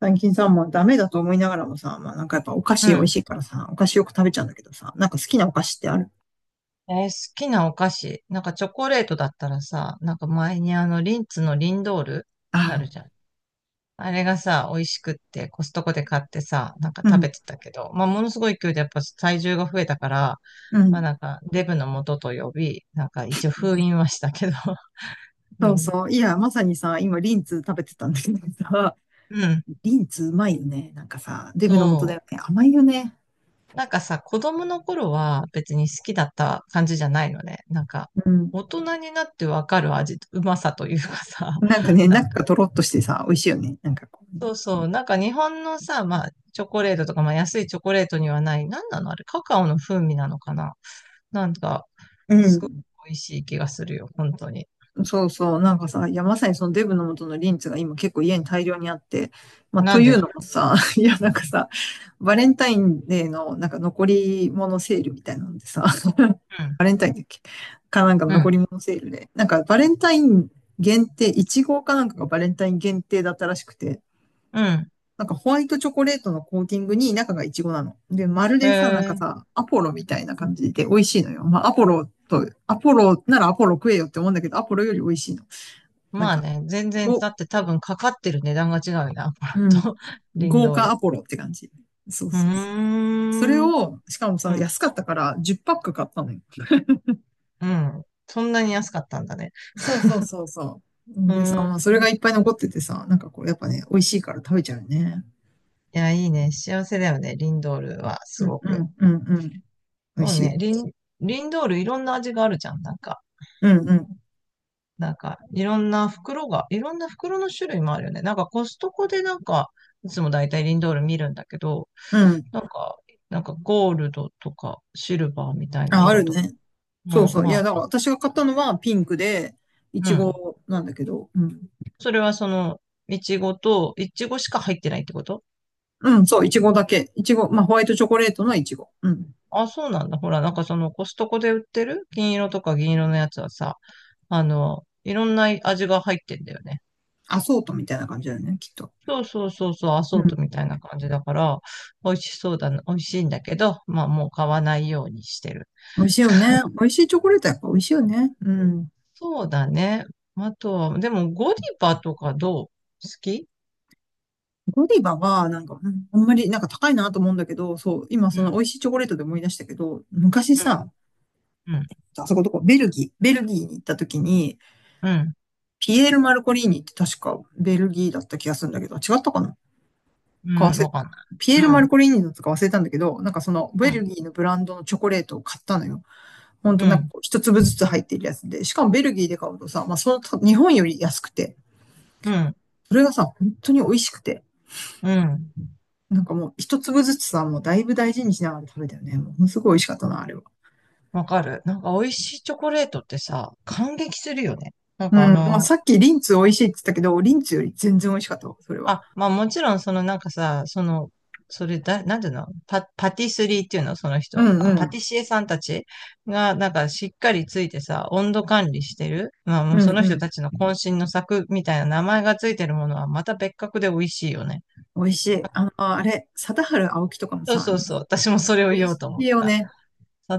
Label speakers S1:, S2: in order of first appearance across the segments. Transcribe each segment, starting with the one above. S1: 最近さ、まあダメだと思いながらもさ、まあなんかやっぱお菓
S2: う
S1: 子美味
S2: ん。
S1: しいからさ、お菓子よく食べちゃうんだけどさ、なんか好きなお菓子ってある？
S2: 好きなお菓子。なんかチョコレートだったらさ、なんか前にリンツのリンドールある
S1: ああ
S2: じゃん。あれがさ、美味しくってコストコで買ってさ、なんか
S1: う
S2: 食
S1: ん、
S2: べてたけど、まあものすごい勢いでやっぱ体重が増えたから、
S1: う
S2: まあ
S1: ん。
S2: なんかデブの元と呼び、なんか一応封印はしたけど、う
S1: そう
S2: ん。
S1: そう。いや、まさにさ、今リンツ食べてたんだけどさ、
S2: うん。
S1: リンツうまいよね。なんかさ、デブの元だ
S2: そ
S1: よね。甘いよね。
S2: う。なんかさ、子供の頃は別に好きだった感じじゃないのね。なんか、
S1: うん。
S2: 大人になってわかる味、うまさというかさ、
S1: なんかね、
S2: なん
S1: 中
S2: か
S1: がとろっとしてさ、美味しいよね。なんかこうね。
S2: そうそう。なんか日本のさ、まあ、チョコレートとか、まあ、安いチョコレートにはない、なんなのあれ、カカオの風味なのかな。なんか、
S1: う
S2: すごい
S1: ん。
S2: 美味しい気がするよ、本当に。
S1: そうそう、なんかさ、いや、まさにそのデブの元のリンツが今結構家に大量にあって、まあ、
S2: な
S1: と
S2: ん
S1: い
S2: で、
S1: うのもさ、いや、なんか
S2: う
S1: さ、バレンタインデーのなんか残り物セールみたいなのでさ、
S2: ん、
S1: バレンタインだっけかなんかの
S2: うん、う
S1: 残
S2: ん。
S1: り物セールで、なんかバレンタイン限定、イチゴかなんかがバレンタイン限定だったらしくて、
S2: うん。
S1: なんかホワイトチョコレートのコーティングに中がイチゴなの。で、まる
S2: え
S1: でさ、なんか
S2: ー、
S1: さ、アポロみたいな感じで美味しいのよ。まあ、アポロと、アポロならアポロ食えよって思うんだけど、アポロより美味しいの。なん
S2: まあ
S1: か、
S2: ね、全然、だ
S1: ご、
S2: って多分かかってる値段が違うよな、アパ
S1: うん。
S2: と、リン
S1: 豪
S2: ドー
S1: 華
S2: ル。
S1: アポロって感じ。そう
S2: うー
S1: そうそう。それ
S2: ん、
S1: を、しかも
S2: う
S1: さ、
S2: ん、
S1: 安かったから10パック買ったのよ。
S2: うん。そんなに安かったんだね。
S1: そうそうそうそう。
S2: う
S1: でさ、
S2: ー
S1: まあ、それが
S2: ん。
S1: いっぱい残っててさ、なんかこう、やっぱね、美味しいから食べちゃうよね。
S2: いや、いいね。幸せだよね、リンドールは、す
S1: うん
S2: ご
S1: う
S2: く。
S1: んうんうん。美味
S2: そう
S1: しい。
S2: ね。リンドールいろんな味があるじゃん。なんか、
S1: うんうん。
S2: なんか、いろんな袋が、いろんな袋の種類もあるよね。なんかコストコでなんか、いつもだいたいリンドール見るんだけど、
S1: うん。
S2: なんか、なんかゴールドとかシルバーみたいな
S1: あ、あ
S2: 色
S1: る
S2: とか。
S1: ね。
S2: う
S1: そう
S2: ん、
S1: そう。い
S2: ま
S1: や、
S2: あ、
S1: だから私が買ったのはピンクで、い
S2: う
S1: ち
S2: ん。
S1: ごなんだけど、うん。
S2: それはその、いちごと、いちごしか入ってないってこと？
S1: うん、そう、いちごだけ。いちご、まあ、ホワイトチョコレートのいちご。うん。
S2: あ、そうなんだ。ほら、なんかそのコストコで売ってる金色とか銀色のやつはさ、いろんな味が入ってんだよね。
S1: アソートみたいな感じだよね、きっと。
S2: そうそうそうそう、ア
S1: う
S2: ソートみ
S1: ん。
S2: たいな感じだから、美味しそうだな、美味しいんだけど、まあもう買わないようにしてる。
S1: 美味しいよね。美味しいチョコレートやっぱ美味しいよね。うん。
S2: そうだね。あとは、でもゴディバとかどう好き？
S1: ゴディバは、なんか、うんあんまり、なんか高いなと思うんだけど、そう、今
S2: う
S1: その
S2: ん、
S1: 美味しいチョコレートで思い出したけど、昔
S2: うん、
S1: さ、
S2: うん、
S1: あそこどこ、ベルギー、ベルギーに行った時に、
S2: うん、
S1: ピエール・マルコリーニって確かベルギーだった気がするんだけど、違ったかな、
S2: う
S1: か
S2: ん
S1: 忘れ、
S2: わかんな
S1: ピエール・マル
S2: い。
S1: コリーニだったか忘れたんだけど、なんかその
S2: うん、
S1: ベ
S2: う
S1: ル
S2: ん、
S1: ギーのブランドのチョコレートを買ったのよ。ほん
S2: う
S1: となんか
S2: ん、
S1: こう一粒ずつ入ってるやつで、しかもベルギーで買うとさ、まあその日本より安くて、
S2: うん、
S1: それがさ、本当に美味しくて、
S2: うん。
S1: なんかもう一粒ずつさ、もうだいぶ大事にしながら食べたよね。もうすごい美味しかったな、あれは。
S2: わかる。なんか美味しいチョコレートってさ、感激するよね。なん
S1: う
S2: か
S1: ん。まあさっきリンツ美味しいって言ったけど、リンツより全然美味しかったわ、それは。
S2: あ、まあもちろん、そのなんかさ、その、それだ、なんていうのパティスリーっていうのその
S1: う
S2: 人。
S1: ん
S2: あ
S1: う
S2: パテ
S1: ん。
S2: ィシエさんたちが、なんかしっかりついてさ、温度管理してる。まあ
S1: う
S2: もう
S1: ん
S2: その
S1: う
S2: 人
S1: ん。
S2: たちの渾身の作みたいな名前がついてるものはまた別格で美味しいよね。
S1: 美味しい。あの、あれ、貞治青木とかも
S2: そう
S1: さ、
S2: そう
S1: 日本
S2: そう。私も
S1: あ
S2: そ
S1: れ
S2: れを
S1: 美味
S2: 言おう
S1: し
S2: と思っ
S1: いよ
S2: た。
S1: ね。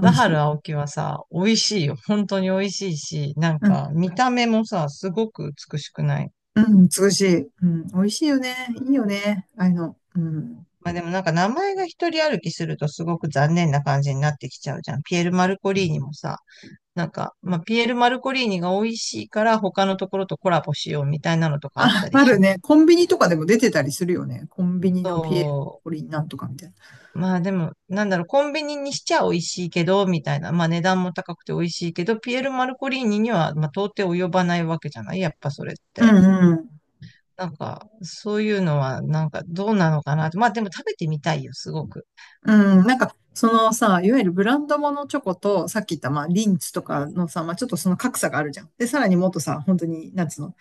S1: 美味し
S2: 治
S1: い。
S2: 青木はさ、美味しいよ。本当に美味しいし、なん
S1: う
S2: か
S1: ん。
S2: 見た目もさ、すごく美しくない？
S1: うん、美しい。うん。美味しいよね。いいよね。ああいうの。うん。
S2: まあでもなんか名前が一人歩きするとすごく残念な感じになってきちゃうじゃん。ピエール・マルコリーニもさ、なんか、まあピエール・マルコリーニが美味しいから他のところとコラボしようみたいなのとかあっ
S1: あ、
S2: たり
S1: あ
S2: し
S1: るね。
S2: ね。
S1: コンビニとかでも出てたりするよね。コンビニのピエ
S2: そ
S1: ロリンなんとかみたい
S2: う。まあでも、なんだろう、コンビニにしちゃ美味しいけど、みたいな。まあ値段も高くて美味しいけど、ピエール・マルコリーニには、まあ到底及ばないわけじゃないやっぱそれっ
S1: な。
S2: て。
S1: うん
S2: なんか、そういうのは、なんかどうなのかなって。まあでも食べてみたいよ、すごく。
S1: うん、なんか、そのさ、いわゆるブランドものチョコと、さっき言った、まあ、リンツとかのさ、まあ、ちょっとその格差があるじゃん。で、さらにもっとさ、本当に、なんつうの、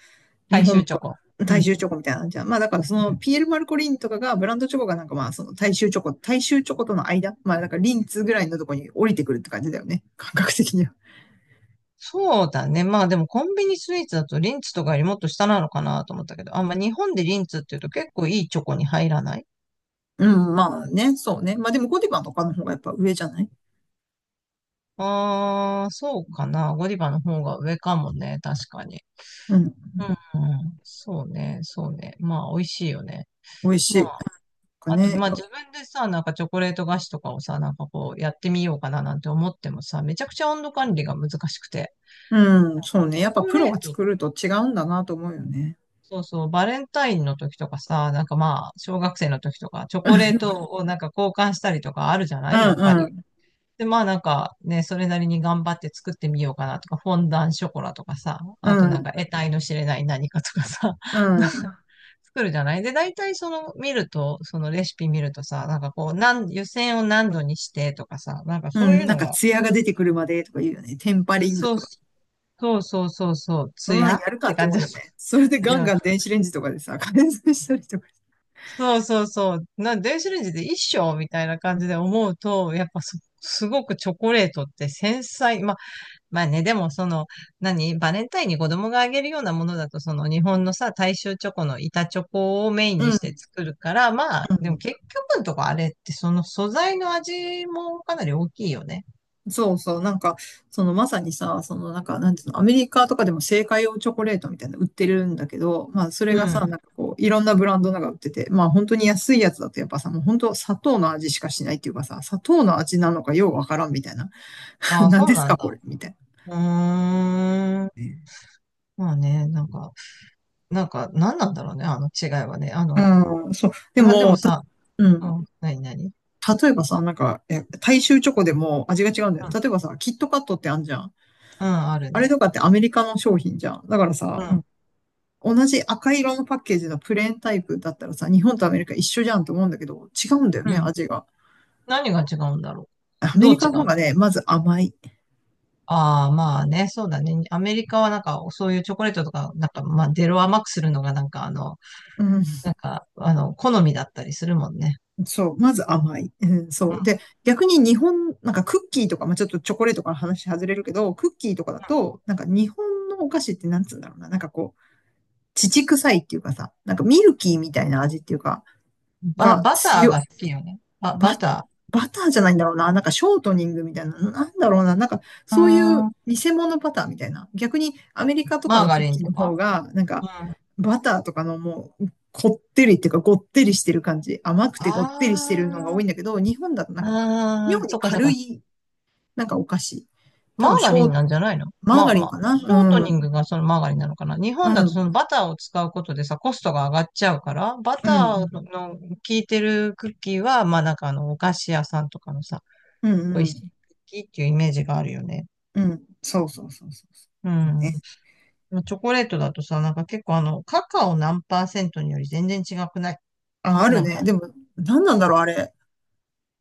S1: 日
S2: 大
S1: 本
S2: 衆チョコ。
S1: の
S2: う
S1: 大
S2: ん。
S1: 衆チョコみたいなのじゃん。まあ、だからその、ピエール・マルコリンとかが、ブランドチョコがなんかまあ、その大衆チョコ、大衆チョコとの間、まあ、だからリンツぐらいのとこに降りてくるって感じだよね。感覚的には。
S2: そうだね。まあでもコンビニスイーツだとリンツとかよりもっと下なのかなと思ったけど、あ、まあ日本でリンツっていうと結構いいチョコに入らない？
S1: うん、まあね、そうね。まあでも、ゴディバとかの方がやっぱ上じゃない？
S2: ああー、そうかな。ゴディバの方が上かもね。確かに。
S1: うん、
S2: うん、うん、そうね、そうね。まあ美味しいよね。
S1: 美味し
S2: ま
S1: い。なん
S2: あ、
S1: か
S2: あと、
S1: ね、
S2: まあ自分でさ、なんかチョコレート菓子とかをさ、なんかこうやってみようかななんて思ってもさ、めちゃくちゃ温度管理が難しくて。
S1: うん、そうね。
S2: チョ
S1: やっぱ
S2: コ
S1: プ
S2: レ
S1: ロ
S2: ー
S1: が
S2: トっ
S1: 作ると違うんだなと思うよね。
S2: そうそう、バレンタインの時とかさ、なんかまあ、小学生の時とか、チョコレートをなんか交換したりとかあるじゃな
S1: う
S2: い
S1: ん
S2: やっぱ
S1: う
S2: り。
S1: ん。
S2: で、まあなんかね、それなりに頑張って作ってみようかなとか、フォンダンショコラとかさ、あとなんか得体の知れない何かとかさ、
S1: う
S2: なんか
S1: ん。
S2: 作るじゃない。で、大体その見ると、そのレシピ見るとさ、なんかこう、湯煎を何度にしてとかさ、なんか
S1: う
S2: そうい
S1: ん。
S2: う
S1: なん
S2: の
S1: か、
S2: が、
S1: 艶が出てくるまでとか言うよね。テンパリング。
S2: そう、そうそうそうそう、
S1: そ
S2: ツ
S1: んなの
S2: ヤ
S1: や
S2: っ
S1: るか
S2: て
S1: って
S2: 感
S1: 思
S2: じ
S1: う
S2: だっ
S1: よね。それで
S2: た。い
S1: ガン
S2: や、
S1: ガン電子レンジとかでさ、加熱したりとか。
S2: そうそうそう。な、電子レンジで一生みたいな感じで思うと、やっぱすごくチョコレートって繊細。まあ、まあね、でもその、何、バレンタインに子供があげるようなものだと、その日本のさ、大衆チョコの板チョコをメインに
S1: う
S2: して
S1: ん。
S2: 作るから、まあ、
S1: う
S2: でも
S1: ん。
S2: 結局のとこあれってその素材の味もかなり大きいよね。
S1: そうそう。なんか、そのまさにさ、そのなんか、なんていうの、アメリカとかでも製菓用チョコレートみたいなの売ってるんだけど、まあ、それ
S2: う
S1: がさ、
S2: ん。
S1: なんかこう、いろんなブランドなんか売ってて、まあ、本当に安いやつだとやっぱさ、もう本当砂糖の味しかしないっていうかさ、砂糖の味なのかようわからんみたいな。
S2: ああ、
S1: 何
S2: そ
S1: で
S2: う
S1: す
S2: な
S1: か
S2: ん
S1: こ
S2: だ。
S1: れみたいな。
S2: うーん。まあね、なんか、なんか、何なんだろうね、あの違いはね。
S1: うん、そう。で
S2: まあで
S1: も、
S2: もさ、
S1: う
S2: う
S1: ん。
S2: ん、何何
S1: 例えばさ、なんか、大衆チョコでも味が違うんだよ。例えばさ、キットカットってあんじゃん。
S2: うん、ある
S1: あれ
S2: ね。
S1: とかってアメリカの商品じゃん。だから
S2: う
S1: さ、うん、
S2: ん。
S1: 同じ赤色のパッケージのプレーンタイプだったらさ、日本とアメリカ一緒じゃんと思うんだけど、違うんだよ
S2: う
S1: ね、
S2: ん。
S1: 味が。
S2: 何が違うんだろ
S1: ア
S2: う。
S1: メ
S2: ど
S1: リ
S2: う
S1: カ
S2: 違う
S1: の方
S2: の？
S1: がね、まず甘い。
S2: ああまあね、そうだね。アメリカはなんか、そういうチョコレートとか、なんか、まあ、出ろ甘くするのが、なんか、あの、
S1: うん、
S2: なんか、あの、好みだったりするもんね。
S1: そう、まず甘い。うん、
S2: う
S1: そう。
S2: ん。
S1: で、逆に日本、なんかクッキーとか、まあ、ちょっとチョコレートから話外れるけど、クッキーとかだと、なんか日本のお菓子ってなんつうんだろうな。なんかこう、乳臭いっていうかさ、なんかミルキーみたいな味っていうか、が
S2: バター
S1: 強
S2: が好
S1: い、
S2: きよね。
S1: バ、
S2: バタ
S1: バターじゃないんだろうな。なんかショートニングみたいな、なんだろうな。なんか
S2: ー。う
S1: そういう
S2: ーん。
S1: 偽物バターみたいな。逆にアメリカとか
S2: マー
S1: の
S2: ガ
S1: クッ
S2: リン
S1: キー
S2: と
S1: の方
S2: か
S1: が、なん
S2: う
S1: か
S2: ん。あ
S1: バターとかのもう、こってりっていうか、ごってりしてる感じ。甘くてごってりしてるのが多いんだけど、日本だとなんか、
S2: あ、あ
S1: 妙
S2: あ、
S1: に
S2: そっかそっ
S1: 軽
S2: か。
S1: い、なんかお菓子。
S2: マ
S1: 多分、
S2: ー
S1: シ
S2: ガリン
S1: ョー、
S2: なんじゃないの？
S1: マー
S2: まあ
S1: ガリン
S2: まあ、
S1: かな。
S2: シ
S1: う
S2: ョートニン
S1: ん、
S2: グがそのマーガリンなのかな。日
S1: う
S2: 本だとその
S1: ん、
S2: バターを使うことでさ、コストが上がっちゃうから、バ
S1: う
S2: ター
S1: ん、
S2: の効いてるクッキーは、まあなんかお菓子屋さんとかのさ、
S1: うん、うん、
S2: 美
S1: う
S2: 味しいク
S1: ん、
S2: ッキーっていうイメージがあるよね。
S1: うん。そうそうそうそうそ
S2: う
S1: う。ね。
S2: ん。まあチョコレートだとさ、なんか結構あの、カカオ何パーセントにより全然違くない？
S1: あ、ある
S2: なん
S1: ね。
S2: か。
S1: でも、何なんだろう、あれ。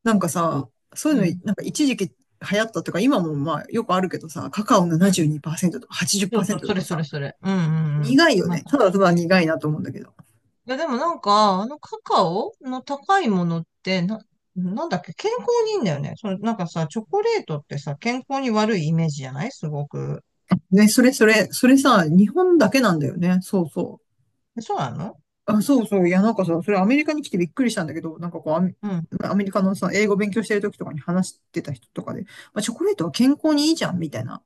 S1: なんかさ、そう
S2: う
S1: いう
S2: ん。
S1: の、なんか一時期流行ったとか、今もまあよくあるけどさ、カカオ
S2: うん。
S1: 72%とか
S2: そうそう、
S1: 80%
S2: そ
S1: と
S2: れ
S1: か
S2: そ
S1: さ、
S2: れそれ。うんうんうん。
S1: 苦いよ
S2: ま
S1: ね。た
S2: あ
S1: だただ苦いなと思うんだけど。
S2: いや、でもなんか、あのカカオの高いものって、なんだっけ、健康にいいんだよね。その、なんかさ、チョコレートってさ、健康に悪いイメージじゃないすごく。
S1: ね、それそれ、それさ、日本だけなんだよね。そうそう。
S2: えそうなの？
S1: あ、そうそう。いや、なんかさ、それアメリカに来てびっくりしたんだけど、なんかこう、
S2: うん。
S1: アメリカのさ、英語勉強してる時とかに話してた人とかで、まあ、チョコレートは健康にいいじゃん、みたいな。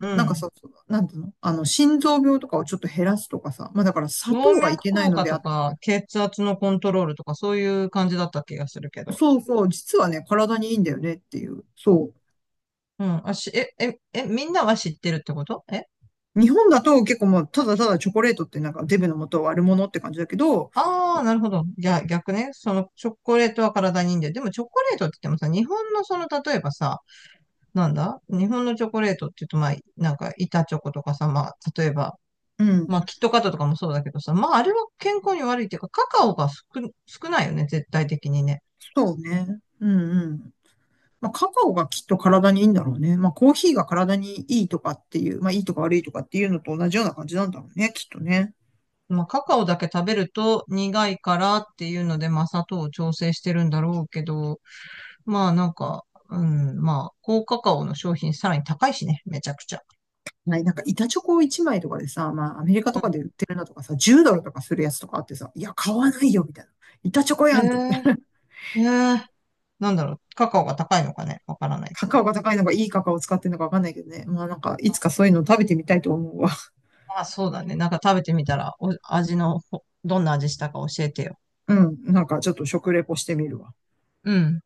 S2: う
S1: なんか
S2: ん。
S1: さ、そうなんていうのあの、心臓病とかをちょっと減らすとかさ、まあだから砂
S2: 動
S1: 糖がい
S2: 脈
S1: けない
S2: 硬
S1: の
S2: 化
S1: で
S2: と
S1: あっ、
S2: か、血圧のコントロールとか、そういう感じだった気がするけど。
S1: そうそう、実はね、体にいいんだよねっていう。そ
S2: うん。あ、し、え、え、え、みんなは知ってるってこと？え
S1: う。日本だと結構もう、ただただチョコレートってなんかデブの元を悪者って感じだけど、
S2: ああー、なるほど。逆ね。その、チョコレートは体にいいんだよ。でも、チョコレートって言ってもさ、日本のその、例えばさ、なんだ日本のチョコレートって言うと、まあ、なんか、板チョコとかさ、まあ、例えば、
S1: う
S2: まあ、
S1: ん、
S2: キットカットとかもそうだけどさ、まあ、あれは健康に悪いっていうか、カカオが少、少ないよね、絶対的にね。
S1: そうね。うんうん。まあ、カカオがきっと体にいいんだろうね。まあ、コーヒーが体にいいとかっていう、まあ、いいとか悪いとかっていうのと同じような感じなんだろうね、きっとね。
S2: まあ、カカオだけ食べると苦いからっていうので、まあ、砂糖を調整してるんだろうけど、まあ、なんか、うん、まあ、高カカオの商品さらに高いしね、めちゃくちゃ。
S1: はい、なんか板チョコ1枚とかでさ、まあ、アメリカ
S2: う
S1: とか
S2: ん。
S1: で売ってるのとかさ、10ドルとかするやつとかあってさ、いや、買わないよ、みたいな。板チョコやんって。
S2: えー、えー、なんだろう、カカオが高いのかね、わからない
S1: カ
S2: け
S1: カ
S2: ど。
S1: オが高いのがいいカカオを使ってるのかわかんないけどね。まあなんか、いつかそういうの食べてみたいと思うわ。
S2: あ、そうだね。なんか食べてみたら、お、味のほ、どんな味したか教えてよ。
S1: うん。なんかちょっと食レポしてみるわ。
S2: うん。